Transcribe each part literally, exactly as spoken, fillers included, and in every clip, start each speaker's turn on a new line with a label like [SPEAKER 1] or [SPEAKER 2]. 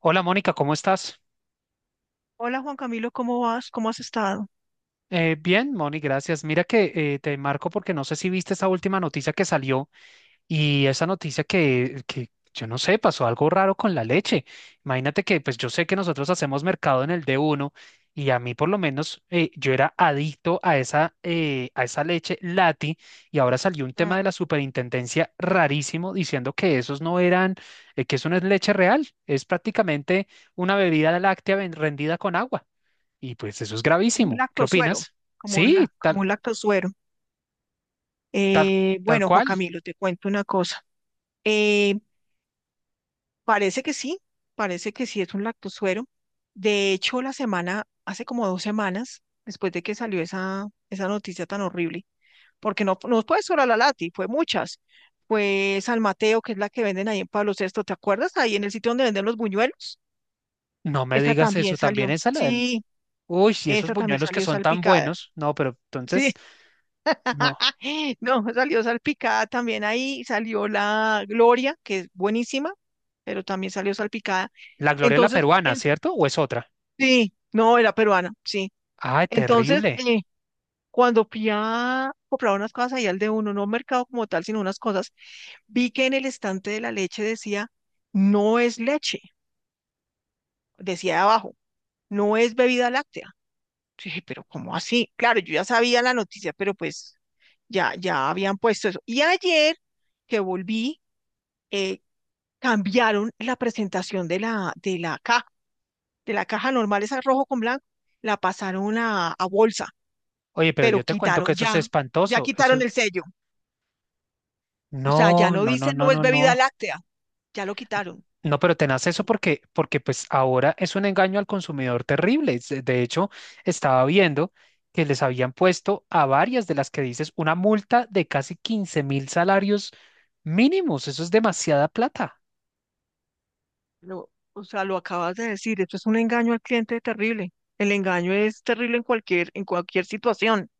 [SPEAKER 1] Hola Mónica, ¿cómo estás?
[SPEAKER 2] Hola Juan Camilo, ¿cómo vas? ¿Cómo has estado?
[SPEAKER 1] Eh, bien, Moni, gracias. Mira que eh, te marco porque no sé si viste esa última noticia que salió y esa noticia que, que yo no sé, pasó algo raro con la leche. Imagínate que pues yo sé que nosotros hacemos mercado en el d uno y a mí por lo menos eh, yo era adicto a esa, eh, a esa leche Lati, y ahora salió un tema
[SPEAKER 2] Mm.
[SPEAKER 1] de la superintendencia rarísimo diciendo que esos no eran, eh, que eso no es leche real, es prácticamente una bebida láctea ven- rendida con agua. Y pues eso es
[SPEAKER 2] Como un
[SPEAKER 1] gravísimo. ¿Qué
[SPEAKER 2] lactosuero,
[SPEAKER 1] opinas?
[SPEAKER 2] como un,
[SPEAKER 1] Sí,
[SPEAKER 2] lac- como
[SPEAKER 1] tal,
[SPEAKER 2] un lactosuero.
[SPEAKER 1] tal,
[SPEAKER 2] Eh,
[SPEAKER 1] tal
[SPEAKER 2] bueno, Juan
[SPEAKER 1] cual.
[SPEAKER 2] Camilo, te cuento una cosa. Eh, Parece que sí, parece que sí es un lactosuero. De hecho, la semana, hace como dos semanas, después de que salió esa, esa noticia tan horrible, porque no, no fue solo la Lati, fue muchas. Fue San Mateo, que es la que venden ahí en Pablo sexto, ¿te acuerdas? Ahí en el sitio donde venden los buñuelos.
[SPEAKER 1] No me
[SPEAKER 2] Esa
[SPEAKER 1] digas eso.
[SPEAKER 2] también
[SPEAKER 1] También
[SPEAKER 2] salió.
[SPEAKER 1] esa la del.
[SPEAKER 2] Sí,
[SPEAKER 1] Uy, si esos
[SPEAKER 2] esa también
[SPEAKER 1] buñuelos que
[SPEAKER 2] salió
[SPEAKER 1] son tan
[SPEAKER 2] salpicada.
[SPEAKER 1] buenos. No, pero entonces,
[SPEAKER 2] Sí,
[SPEAKER 1] no.
[SPEAKER 2] no, salió salpicada también ahí, salió la Gloria, que es buenísima, pero también salió salpicada.
[SPEAKER 1] La Gloria, la
[SPEAKER 2] Entonces,
[SPEAKER 1] peruana,
[SPEAKER 2] en-
[SPEAKER 1] ¿cierto? ¿O es otra?
[SPEAKER 2] sí, no, era peruana, sí.
[SPEAKER 1] Ay,
[SPEAKER 2] Entonces,
[SPEAKER 1] terrible.
[SPEAKER 2] eh, cuando fui a comprar unas cosas ahí al de uno, no mercado como tal, sino unas cosas, vi que en el estante de la leche decía, no es leche, decía abajo, no es bebida láctea. Yo dije, pero ¿cómo así? Claro, yo ya sabía la noticia, pero pues ya, ya habían puesto eso. Y ayer que volví, eh, cambiaron la presentación de la, de la caja, de la caja normal, esa rojo con blanco, la pasaron a, a bolsa,
[SPEAKER 1] Oye, pero yo
[SPEAKER 2] pero
[SPEAKER 1] te cuento que
[SPEAKER 2] quitaron
[SPEAKER 1] eso es
[SPEAKER 2] ya, ya
[SPEAKER 1] espantoso.
[SPEAKER 2] quitaron
[SPEAKER 1] Eso.
[SPEAKER 2] el sello. O sea, ya
[SPEAKER 1] No,
[SPEAKER 2] no
[SPEAKER 1] no, no,
[SPEAKER 2] dicen
[SPEAKER 1] no,
[SPEAKER 2] no es
[SPEAKER 1] no,
[SPEAKER 2] bebida
[SPEAKER 1] no.
[SPEAKER 2] láctea, ya lo quitaron.
[SPEAKER 1] No, pero tenaz eso porque, porque pues ahora es un engaño al consumidor terrible. Es- eh, De hecho, estaba viendo que les habían puesto a varias de las que dices una multa de casi quince mil salarios mínimos. Eso es demasiada plata.
[SPEAKER 2] Lo- o sea, lo acabas de decir, esto es un engaño al cliente terrible. El engaño es terrible en cualquier, en cualquier situación.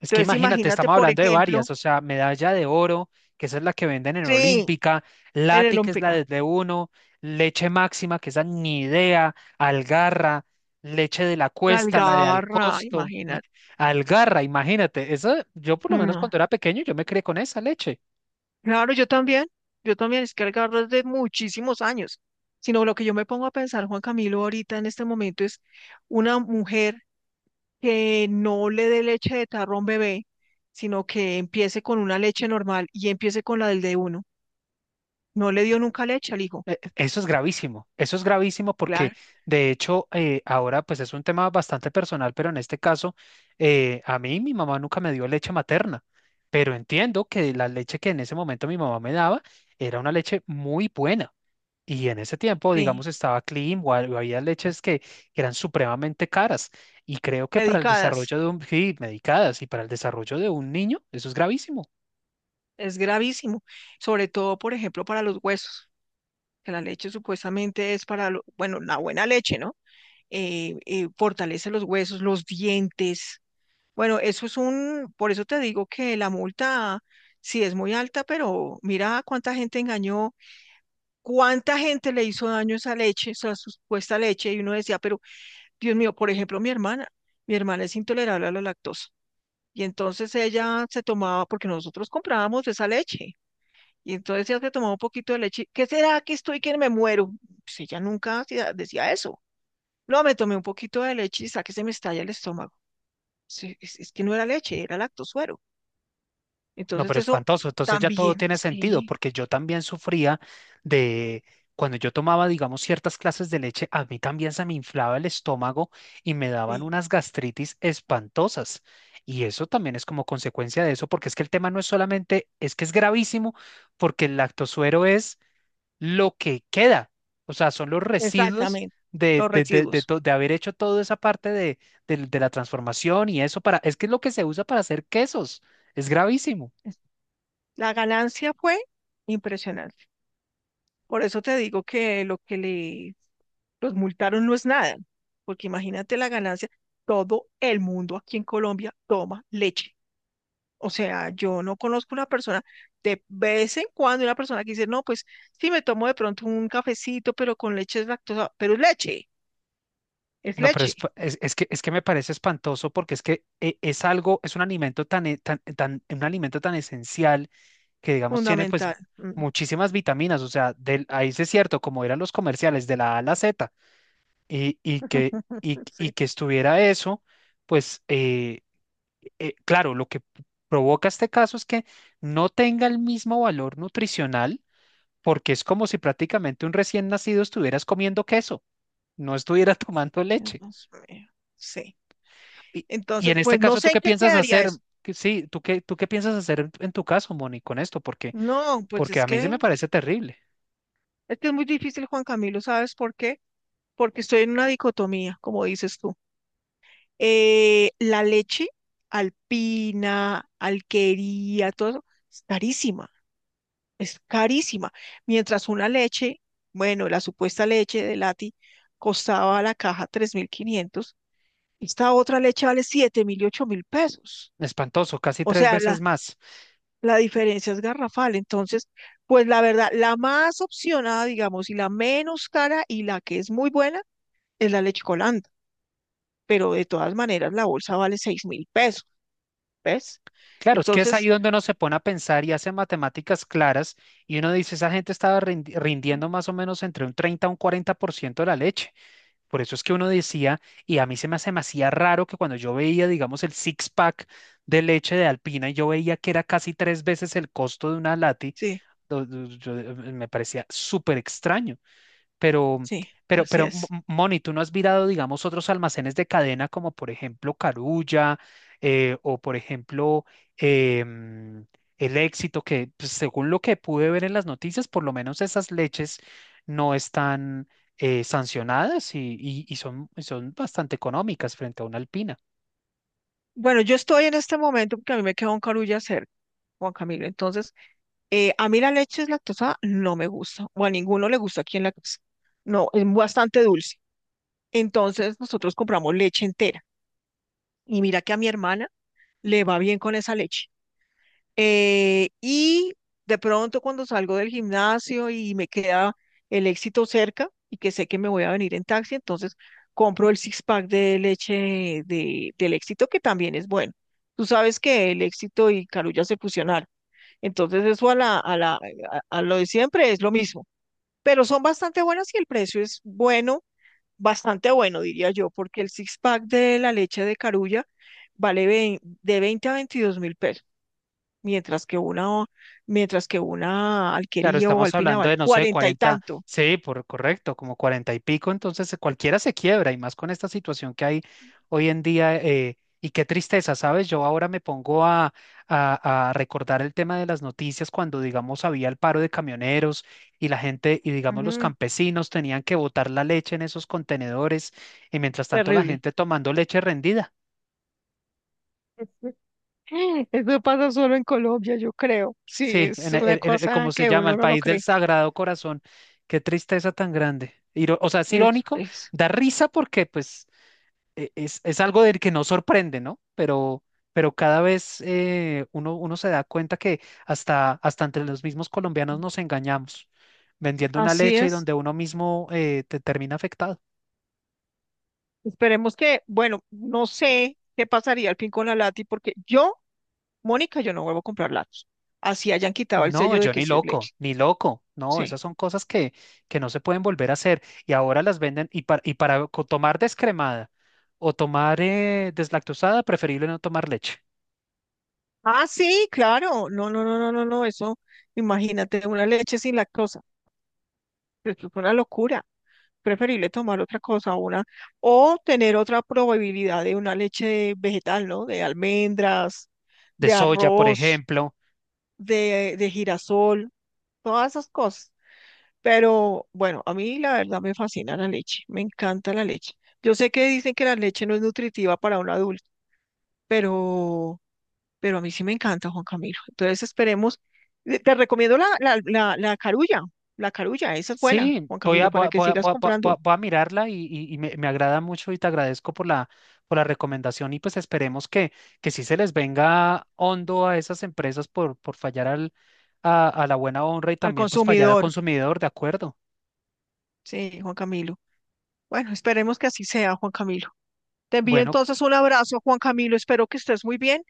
[SPEAKER 1] Es que
[SPEAKER 2] Entonces,
[SPEAKER 1] imagínate,
[SPEAKER 2] imagínate,
[SPEAKER 1] estamos
[SPEAKER 2] por
[SPEAKER 1] hablando de
[SPEAKER 2] ejemplo,
[SPEAKER 1] varias, o sea, medalla de oro, que esa es la que venden en
[SPEAKER 2] sí,
[SPEAKER 1] Olímpica,
[SPEAKER 2] en el
[SPEAKER 1] Lati, que es la de uno, leche máxima, que esa ni idea, Algarra, leche de la
[SPEAKER 2] la
[SPEAKER 1] cuesta, la de
[SPEAKER 2] algarra,
[SPEAKER 1] Alcosto, y
[SPEAKER 2] imagínate.
[SPEAKER 1] Algarra, imagínate, eso yo por lo menos
[SPEAKER 2] No.
[SPEAKER 1] cuando era pequeño yo me crié con esa leche.
[SPEAKER 2] Claro, yo también. Yo también, es que algarra es de muchísimos años. Sino lo que yo me pongo a pensar, Juan Camilo, ahorita en este momento es una mujer que no le dé leche de tarro a un bebé, sino que empiece con una leche normal y empiece con la del de uno. No le dio nunca leche al hijo.
[SPEAKER 1] Eh, Eso es gravísimo, eso es gravísimo porque
[SPEAKER 2] Claro.
[SPEAKER 1] de hecho eh, ahora pues es un tema bastante personal, pero en este caso eh, a mí mi mamá nunca me dio leche materna, pero entiendo que la leche que en ese momento mi mamá me daba era una leche muy buena, y en ese tiempo
[SPEAKER 2] Sí.
[SPEAKER 1] digamos estaba clean o ha- o había leches que eran supremamente caras, y creo que para el
[SPEAKER 2] Medicadas.
[SPEAKER 1] desarrollo de un, sí, medicadas y para el desarrollo de un niño eso es gravísimo.
[SPEAKER 2] Es gravísimo. Sobre todo, por ejemplo, para los huesos, que la leche supuestamente es para, lo- bueno, la buena leche, ¿no? eh, eh, fortalece los huesos, los dientes. Bueno, eso es un, por eso te digo que la multa sí es muy alta, pero mira cuánta gente engañó, cuánta gente le hizo daño a esa leche, esa supuesta leche, y uno decía, pero Dios mío, por ejemplo, mi hermana, mi hermana es intolerable a la lactosa, y entonces ella se tomaba, porque nosotros comprábamos esa leche, y entonces ella se tomaba un poquito de leche. ¿Qué será que estoy que me muero? Pues ella nunca hacía- decía eso, no, me tomé un poquito de leche y saqué se me estalla el estómago. Sí, es, es que no era leche, era lactosuero.
[SPEAKER 1] No,
[SPEAKER 2] Entonces
[SPEAKER 1] pero
[SPEAKER 2] eso
[SPEAKER 1] espantoso. Entonces ya todo
[SPEAKER 2] también,
[SPEAKER 1] tiene sentido,
[SPEAKER 2] sí,
[SPEAKER 1] porque yo también sufría de cuando yo tomaba, digamos, ciertas clases de leche, a mí también se me inflaba el estómago y me daban
[SPEAKER 2] sí,
[SPEAKER 1] unas gastritis espantosas. Y eso también es como consecuencia de eso, porque es que el tema no es solamente, es que es gravísimo, porque el lactosuero es lo que queda, o sea, son los residuos
[SPEAKER 2] exactamente,
[SPEAKER 1] de,
[SPEAKER 2] los
[SPEAKER 1] de, de, de
[SPEAKER 2] residuos.
[SPEAKER 1] to- de haber hecho toda esa parte de, del- de la transformación, y eso para, es que es lo que se usa para hacer quesos, es gravísimo.
[SPEAKER 2] Es- La ganancia fue impresionante. Por eso te digo que lo que le los multaron no es nada, porque imagínate la ganancia. Todo el mundo aquí en Colombia toma leche. O sea, yo no conozco una persona, de vez en cuando una persona que dice, no, pues sí me tomo de pronto un cafecito, pero con leche es lactosa, pero es leche, es
[SPEAKER 1] No, pero
[SPEAKER 2] leche,
[SPEAKER 1] es, pa- es- es que, es que me parece espantoso porque es que eh, es algo, es un alimento tan, e- tan, tan- un alimento tan esencial que, digamos, tiene pues
[SPEAKER 2] fundamental. Mm.
[SPEAKER 1] muchísimas vitaminas. O sea, del, ahí sí es cierto, como eran los comerciales de la A a la zeta, y, y que, y, y
[SPEAKER 2] Sí,
[SPEAKER 1] que estuviera eso, pues eh, eh, claro, lo que provoca este caso es que no tenga el mismo valor nutricional, porque es como si prácticamente un recién nacido estuvieras comiendo queso, no estuviera tomando leche.
[SPEAKER 2] Dios mío, sí.
[SPEAKER 1] Y, y
[SPEAKER 2] Entonces,
[SPEAKER 1] en este
[SPEAKER 2] pues no
[SPEAKER 1] caso, ¿tú
[SPEAKER 2] sé en
[SPEAKER 1] qué
[SPEAKER 2] qué
[SPEAKER 1] piensas
[SPEAKER 2] quedaría
[SPEAKER 1] hacer?
[SPEAKER 2] eso.
[SPEAKER 1] Que sí, ¿tú qué, tú qué piensas hacer en en tu caso, Moni, con esto? Porque,
[SPEAKER 2] No, pues
[SPEAKER 1] porque
[SPEAKER 2] es
[SPEAKER 1] a mí se
[SPEAKER 2] que,
[SPEAKER 1] me parece terrible,
[SPEAKER 2] es que es muy difícil, Juan Camilo, ¿sabes por qué? Porque estoy en una dicotomía, como dices tú. Eh, la leche alpina, alquería, todo eso, es carísima, es carísima. Mientras una leche, bueno, la supuesta leche de Lati costaba la caja tres mil quinientos, esta otra leche vale siete mil y ocho mil pesos.
[SPEAKER 1] espantoso, casi
[SPEAKER 2] O
[SPEAKER 1] tres
[SPEAKER 2] sea,
[SPEAKER 1] veces
[SPEAKER 2] la,
[SPEAKER 1] más.
[SPEAKER 2] la diferencia es garrafal. Entonces, pues la verdad, la más opcionada, digamos, y la menos cara y la que es muy buena es la leche Colanda. Pero de todas maneras, la bolsa vale seis mil pesos, ¿ves?
[SPEAKER 1] Claro, es que es
[SPEAKER 2] Entonces,
[SPEAKER 1] ahí donde uno se pone a pensar y hace matemáticas claras, y uno dice, esa gente estaba rindi- rindiendo más o menos entre un treinta a un cuarenta por ciento de la leche. Por eso es que uno decía, y a mí se me hace demasiado raro que cuando yo veía, digamos, el six-pack de leche de Alpina, y yo veía que era casi tres veces el costo de una lati.
[SPEAKER 2] sí,
[SPEAKER 1] Yo- yo- yo- em, em, me parecía súper extraño, pero,
[SPEAKER 2] sí,
[SPEAKER 1] pero,
[SPEAKER 2] así
[SPEAKER 1] pero,
[SPEAKER 2] es.
[SPEAKER 1] M- Moni, ¿tú no has mirado, digamos, otros almacenes de cadena como, por ejemplo, Carulla eh, o, por ejemplo, em, El Éxito, que pues, según lo que pude ver en las noticias, por lo menos esas leches no están eh, sancionadas y, y- y son, y son bastante económicas frente a una Alpina?
[SPEAKER 2] Bueno, yo estoy en este momento porque a mí me queda un carullo hacer, Juan Camilo. Entonces, eh, a mí la leche lactosa no me gusta, o a ninguno le gusta aquí en la casa. No, es bastante dulce. Entonces, nosotros compramos leche entera. Y mira que a mi hermana le va bien con esa leche. Eh, y de pronto cuando salgo del gimnasio y me queda el éxito cerca y que sé que me voy a venir en taxi, entonces compro el six pack de leche de, del éxito que también es bueno. Tú sabes que el éxito y Carulla se fusionaron. Entonces eso a la, a la, a, a lo de siempre es lo mismo. Pero son bastante buenas y el precio es bueno, bastante bueno, diría yo, porque el six pack de la leche de Carulla vale vein- de veinte a veintidós mil pesos, mientras que una, mientras que una
[SPEAKER 1] Claro,
[SPEAKER 2] Alquería o
[SPEAKER 1] estamos
[SPEAKER 2] Alpina
[SPEAKER 1] hablando
[SPEAKER 2] vale
[SPEAKER 1] de, no sé,
[SPEAKER 2] cuarenta y
[SPEAKER 1] cuarenta,
[SPEAKER 2] tanto.
[SPEAKER 1] sí, por correcto, como cuarenta y pico, entonces eh, cualquiera se quiebra y más con esta situación que hay hoy en día. Eh, y qué tristeza, ¿sabes? Yo ahora me pongo a, a, a recordar el tema de las noticias cuando, digamos, había el paro de camioneros y la gente, y digamos, los
[SPEAKER 2] Mm,
[SPEAKER 1] campesinos tenían que botar la leche en esos contenedores, y mientras tanto la
[SPEAKER 2] terrible.
[SPEAKER 1] gente tomando leche rendida.
[SPEAKER 2] Eso pasa solo en Colombia, yo creo. Sí,
[SPEAKER 1] Sí,
[SPEAKER 2] es
[SPEAKER 1] en, el
[SPEAKER 2] una
[SPEAKER 1] en- en-
[SPEAKER 2] cosa
[SPEAKER 1] como se
[SPEAKER 2] que
[SPEAKER 1] llama,
[SPEAKER 2] uno
[SPEAKER 1] el
[SPEAKER 2] no lo
[SPEAKER 1] país del
[SPEAKER 2] cree.
[SPEAKER 1] Sagrado Corazón. Qué tristeza tan grande. Iro- o sea, es
[SPEAKER 2] Es,
[SPEAKER 1] irónico,
[SPEAKER 2] es,
[SPEAKER 1] da risa porque pues e- es, es algo del que no sorprende, ¿no? Pero, pero cada vez eh, uno, uno se da cuenta que hasta, hasta entre los mismos colombianos nos engañamos, vendiendo una
[SPEAKER 2] así
[SPEAKER 1] leche y
[SPEAKER 2] es.
[SPEAKER 1] donde uno mismo eh, te termina afectado.
[SPEAKER 2] Esperemos que, bueno, no sé qué pasaría al fin con la lati, porque yo, Mónica, yo no vuelvo a comprar latos. Así hayan quitado el
[SPEAKER 1] No,
[SPEAKER 2] sello de
[SPEAKER 1] yo
[SPEAKER 2] que
[SPEAKER 1] ni
[SPEAKER 2] sí es
[SPEAKER 1] loco,
[SPEAKER 2] leche.
[SPEAKER 1] ni loco. No,
[SPEAKER 2] Sí.
[SPEAKER 1] esas son cosas que, que no se pueden volver a hacer, y ahora las venden y, para- y para co- tomar descremada, o tomar eh, deslactosada, preferible no tomar leche.
[SPEAKER 2] Ah, sí, claro. No, no, no, no, no, no. Eso, imagínate, una leche sin lactosa. Eso es una locura. Preferible tomar otra cosa, una, o tener otra probabilidad de una leche vegetal, ¿no? De almendras,
[SPEAKER 1] De
[SPEAKER 2] de
[SPEAKER 1] soya, por
[SPEAKER 2] arroz,
[SPEAKER 1] ejemplo.
[SPEAKER 2] de, de girasol, todas esas cosas. Pero bueno, a mí la verdad me fascina la leche, me encanta la leche. Yo sé que dicen que la leche no es nutritiva para un adulto, pero, pero a mí sí me encanta, Juan Camilo. Entonces esperemos, te te recomiendo la, la, la, la carulla, la carulla, esa es buena,
[SPEAKER 1] Sí,
[SPEAKER 2] Juan
[SPEAKER 1] voy a,
[SPEAKER 2] Camilo,
[SPEAKER 1] voy
[SPEAKER 2] para
[SPEAKER 1] a,
[SPEAKER 2] que
[SPEAKER 1] voy a-
[SPEAKER 2] sigas
[SPEAKER 1] voy a- voy a-
[SPEAKER 2] comprando
[SPEAKER 1] voy a mirarla y, y- y me, me agrada mucho, y te agradezco por la, por la recomendación, y pues esperemos que, que sí se les venga hondo a esas empresas por, por fallar al, a, a la buena honra, y
[SPEAKER 2] al
[SPEAKER 1] también pues fallar al
[SPEAKER 2] consumidor.
[SPEAKER 1] consumidor, ¿de acuerdo?
[SPEAKER 2] Sí, Juan Camilo. Bueno, esperemos que así sea, Juan Camilo. Te envío
[SPEAKER 1] Bueno,
[SPEAKER 2] entonces un abrazo, Juan Camilo. Espero que estés muy bien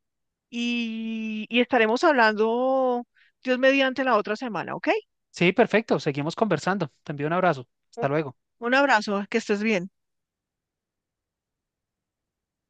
[SPEAKER 2] y, y estaremos hablando, Dios mediante, la otra semana, ¿ok?
[SPEAKER 1] sí, perfecto, seguimos conversando. Te envío un abrazo.
[SPEAKER 2] Un
[SPEAKER 1] Hasta luego.
[SPEAKER 2] un abrazo, que estés bien.